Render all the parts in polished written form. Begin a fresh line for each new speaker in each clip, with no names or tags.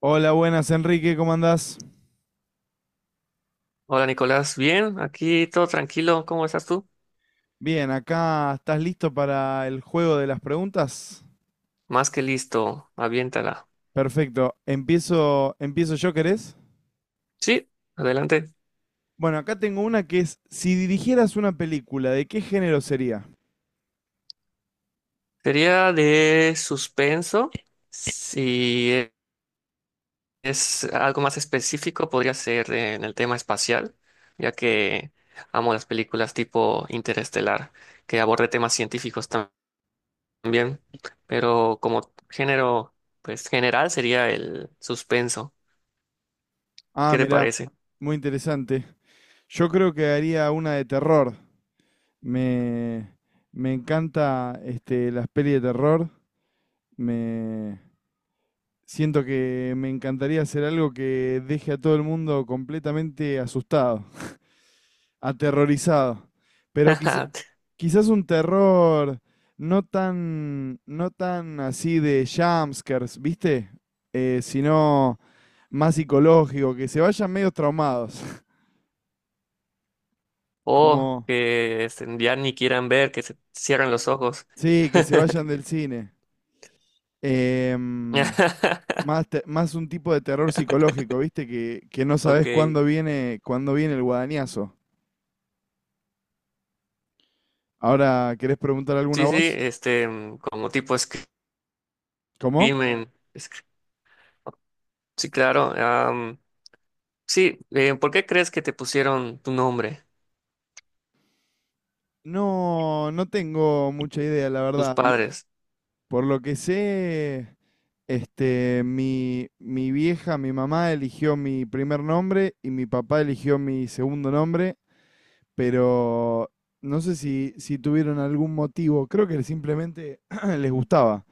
Hola, buenas Enrique, ¿cómo andás?
Hola Nicolás, bien, aquí todo tranquilo, ¿cómo estás tú?
Bien, acá estás listo para el juego de las preguntas.
Más que listo, aviéntala.
Perfecto, empiezo yo, ¿querés?
Sí, adelante.
Bueno, acá tengo una que es, si dirigieras una película, ¿de qué género sería?
Sería de suspenso. Si e-, Es algo más específico, podría ser en el tema espacial, ya que amo las películas tipo Interestelar, que aborde temas científicos también, pero como género, pues general sería el suspenso.
Ah,
¿Qué te
mirá,
parece?
muy interesante. Yo creo que haría una de terror. Me, me encanta este, las pelis de terror. Me siento que me encantaría hacer algo que deje a todo el mundo completamente asustado. Aterrorizado. Pero quizás un terror no tan, no tan así de jumpscares, ¿viste? Sino más psicológico, que se vayan medio traumados.
O
Como,
ya ni quieran ver, que se cierran los ojos.
sí, que se vayan del cine. Em, Más, más un tipo de terror psicológico, ¿viste? Que no
Ok,
sabés
sí,
cuándo viene el guadañazo. Ahora, ¿querés preguntar
sí,
alguna voz?
como tipo
¿Cómo?
Screamen. Sí, claro. Sí, ¿por qué crees que te pusieron tu nombre,
No, no tengo mucha idea, la
tus
verdad.
padres?
Por lo que sé, este, mi vieja, mi mamá eligió mi primer nombre y mi papá eligió mi segundo nombre, pero no sé si, si tuvieron algún motivo, creo que simplemente les gustaba.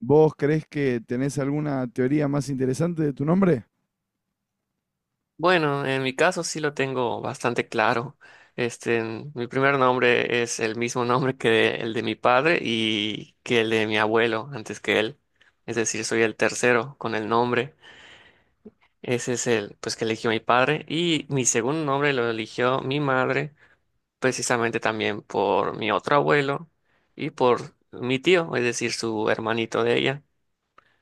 ¿Vos creés que tenés alguna teoría más interesante de tu nombre?
Bueno, en mi caso sí lo tengo bastante claro. Mi primer nombre es el mismo nombre que el de mi padre y que el de mi abuelo antes que él. Es decir, soy el tercero con el nombre. Ese es el, pues, que eligió mi padre. Y mi segundo nombre lo eligió mi madre, precisamente también por mi otro abuelo y por mi tío, es decir, su hermanito de ella.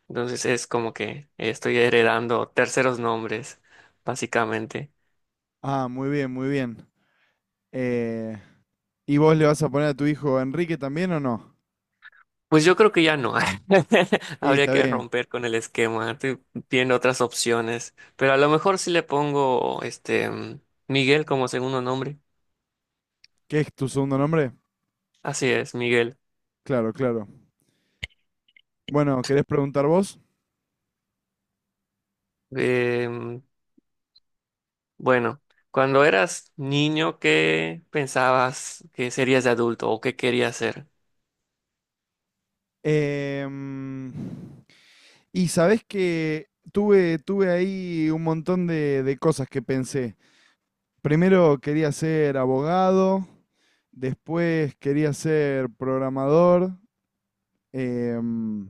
Entonces es como que estoy heredando terceros nombres, básicamente.
Ah, muy bien, muy bien. Eh, ¿Y vos le vas a poner a tu hijo Enrique también o no?
Pues yo creo que ya no.
Y
Habría
está
que
bien.
romper con el esquema. Estoy viendo otras opciones. Pero a lo mejor sí le pongo Miguel como segundo nombre.
¿Qué es tu segundo nombre?
Así es, Miguel.
Claro, claro. Bueno, ¿querés preguntar vos?
Em, Bueno, cuando eras niño, ¿qué pensabas que serías de adulto o qué querías ser?
Em, y sabés que tuve ahí un montón de cosas que pensé. Primero quería ser abogado, después quería ser programador, em,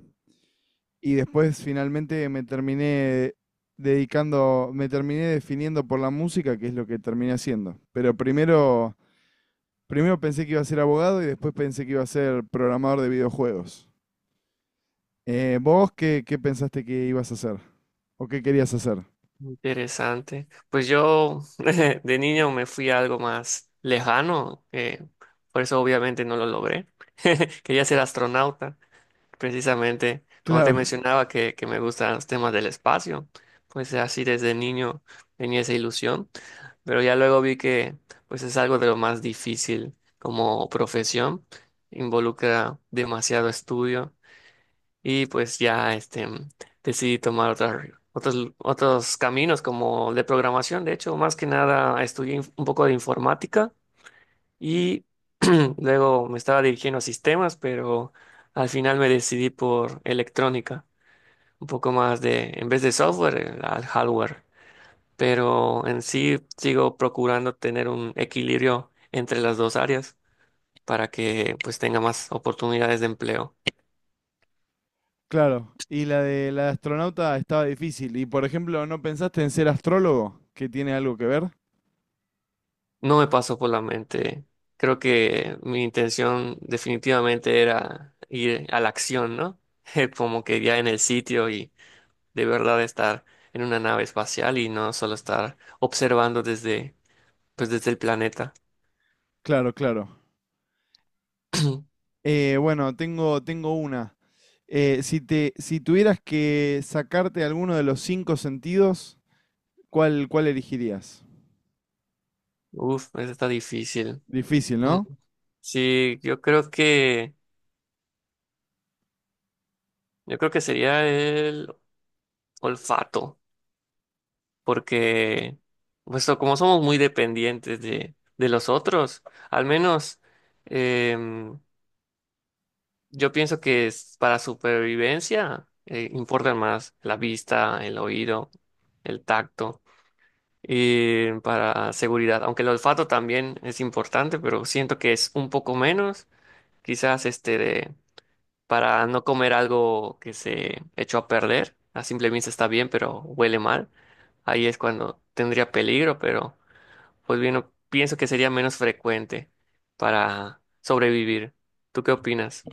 y después finalmente me terminé dedicando, me terminé definiendo por la música, que es lo que terminé haciendo. Pero primero, primero pensé que iba a ser abogado y después pensé que iba a ser programador de videojuegos. ¿Vos qué, qué pensaste que ibas a hacer? ¿O qué querías hacer?
Interesante. Pues yo de niño me fui a algo más lejano, por eso obviamente no lo logré. Quería ser astronauta. Precisamente, como te
Claro,
mencionaba, que me gustan los temas del espacio, pues así desde niño tenía esa ilusión, pero ya luego vi que pues es algo de lo más difícil como profesión, involucra demasiado estudio y pues decidí tomar otros caminos como de programación, de hecho, más que nada estudié un poco de informática y luego me estaba dirigiendo a sistemas, pero al final me decidí por electrónica, un poco más de, en vez de software, al hardware. Pero en sí sigo procurando tener un equilibrio entre las dos áreas para que pues tenga más oportunidades de empleo.
claro. Y la de astronauta estaba difícil. Y por ejemplo, ¿no pensaste en ser astrólogo? ¿Que tiene algo que ver?
No me pasó por la mente. Creo que mi intención definitivamente era ir a la acción, ¿no? Como que ya en el sitio y de verdad estar en una nave espacial y no solo estar observando desde, pues desde el planeta.
Claro, claro. Bueno, tengo una. Si te, si tuvieras que sacarte alguno de los cinco sentidos, ¿cuál, cuál elegirías?
Uf, eso está difícil.
Difícil,
Mm,
¿no?
sí, yo creo que sería el olfato, porque pues, como somos muy dependientes de los otros, al menos em, yo pienso que es para supervivencia, importan más la vista, el oído, el tacto. Y para seguridad, aunque el olfato también es importante, pero siento que es un poco menos, quizás este de, para no comer algo que se echó a perder, a simple vista está bien, pero huele mal, ahí es cuando tendría peligro, pero pues bien, pienso que sería menos frecuente para sobrevivir. ¿Tú qué opinas?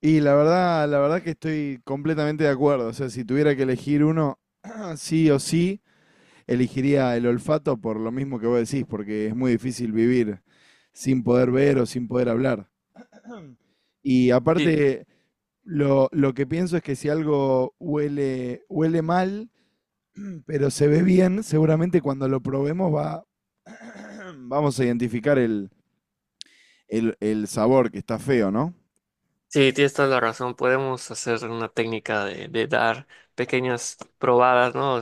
Y la verdad que estoy completamente de acuerdo. O sea, si tuviera que elegir uno, sí o sí, elegiría el olfato por lo mismo que vos decís, porque es muy difícil vivir sin poder ver o sin poder hablar. Y
Sí,
aparte, lo que pienso es que si algo huele, huele mal, pero se ve bien, seguramente cuando lo probemos va, vamos a identificar el sabor que está feo, ¿no?
sí, tienes toda la razón, podemos hacer una técnica de dar pequeñas probadas, ¿no?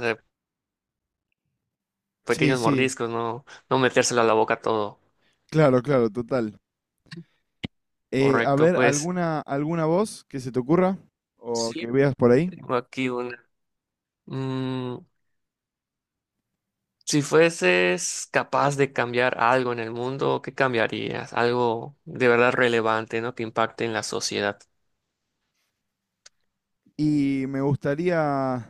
Sí,
Pequeños
sí,
mordiscos, no, no metérselo a la boca todo.
claro, claro, total. A
Correcto,
ver,
pues
¿alguna, alguna voz que se te ocurra o
sí,
que veas por ahí?
tengo aquí una. Mm, si fueses capaz de cambiar algo en el mundo, ¿qué cambiarías? Algo de verdad relevante, ¿no? Que impacte en la sociedad.
Y me gustaría.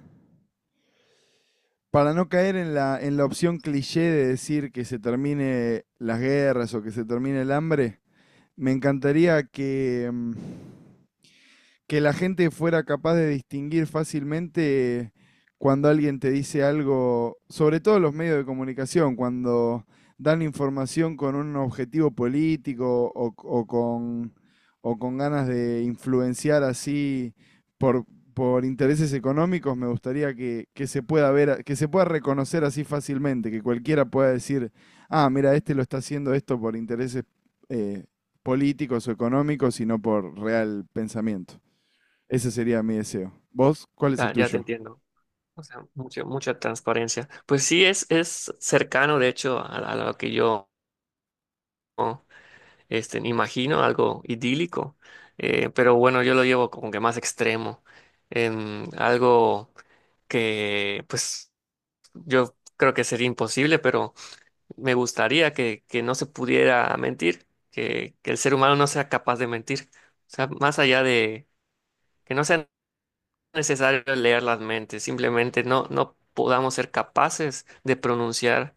Para no caer en la opción cliché de decir que se termine las guerras o que se termine el hambre, me encantaría que, mm, que la gente fuera capaz de distinguir fácilmente cuando alguien te dice algo, sobre todo los medios de comunicación, cuando dan información con un objetivo político o con ganas de influenciar así por, por intereses económicos, me gustaría que se pueda ver, que se pueda reconocer así fácilmente, que cualquiera pueda decir, ah, mira, este lo está haciendo esto por intereses eh, políticos o económicos y no por real pensamiento. Ese sería mi deseo. ¿Vos cuál es el
Ah, ya te
tuyo?
entiendo. O sea, mucha transparencia. Pues sí, es cercano, de hecho, a lo que yo ¿no? Imagino, algo idílico. Pero bueno, yo lo llevo como que más extremo. Em, algo. Que pues yo creo que sería imposible, pero me gustaría que no se pudiera mentir, que el ser humano no sea capaz de mentir. O sea, más allá de que no sea necesario leer las mentes, simplemente no podamos ser capaces de pronunciar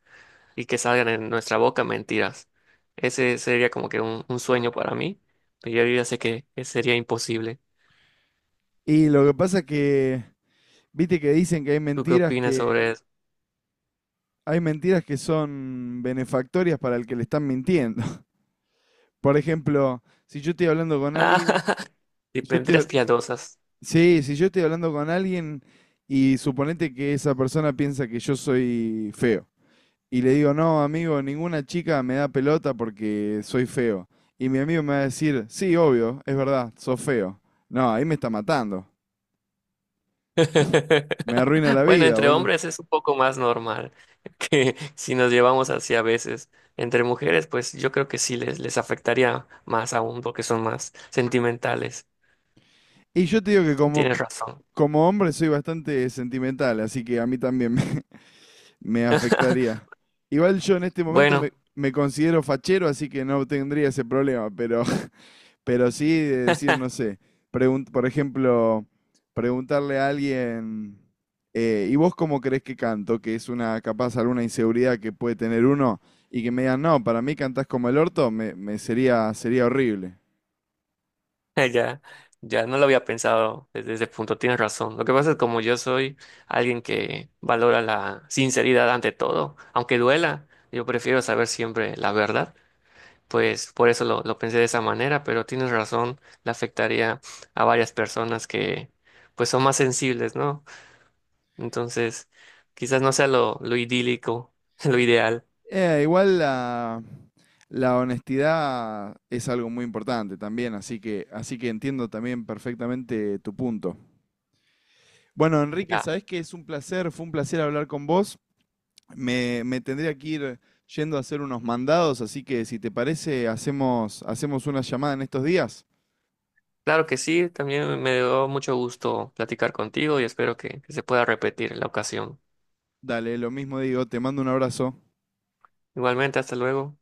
y que salgan en nuestra boca mentiras. Ese sería como que un sueño para mí, pero yo ya sé que sería imposible.
Y lo que pasa que, viste que dicen que
¿Tú qué opinas sobre eso?
hay mentiras que son benefactorias para el que le están mintiendo. Por ejemplo, si yo estoy hablando con
Ah,
alguien,
y
yo estoy
mentiras piadosas.
sí, si yo estoy hablando con alguien y suponete que esa persona piensa que yo soy feo y le digo, "No, amigo, ninguna chica me da pelota porque soy feo." Y mi amigo me va a decir, "Sí, obvio, es verdad, sos feo." No, ahí me está matando. Me arruina la
Bueno,
vida,
entre
boludo.
hombres es un poco más normal que si nos llevamos así a veces. Entre mujeres, pues yo creo que sí les afectaría más aún porque son más sentimentales.
Y yo te digo que como,
Tienes razón.
como hombre soy bastante sentimental, así que a mí también me, me afectaría. Igual yo en este momento me,
Bueno,
me considero fachero, así que no tendría ese problema, pero, pero sí de decir, no sé, por ejemplo, preguntarle a alguien, ¿y vos cómo crees que canto? Que es una capaz alguna inseguridad que puede tener uno, y que me digan, no, para mí cantás como el orto, me sería, sería horrible.
ya, ya no lo había pensado desde ese punto, tienes razón. Lo que pasa es como yo soy alguien que valora la sinceridad ante todo, aunque duela, yo prefiero saber siempre la verdad, pues por eso lo pensé de esa manera, pero tienes razón, le afectaría a varias personas que pues son más sensibles, ¿no? Entonces, quizás no sea lo idílico, lo ideal.
Igual la, la honestidad es algo muy importante también, así que entiendo también perfectamente tu punto. Bueno, Enrique,
Ya.
sabés que es un placer, fue un placer hablar con vos. Me tendría que ir yendo a hacer unos mandados, así que si te parece, hacemos, hacemos una llamada en estos días.
Claro que sí, también me dio mucho gusto platicar contigo y espero que se pueda repetir la ocasión.
Dale, lo mismo digo, te mando un abrazo.
Igualmente, hasta luego.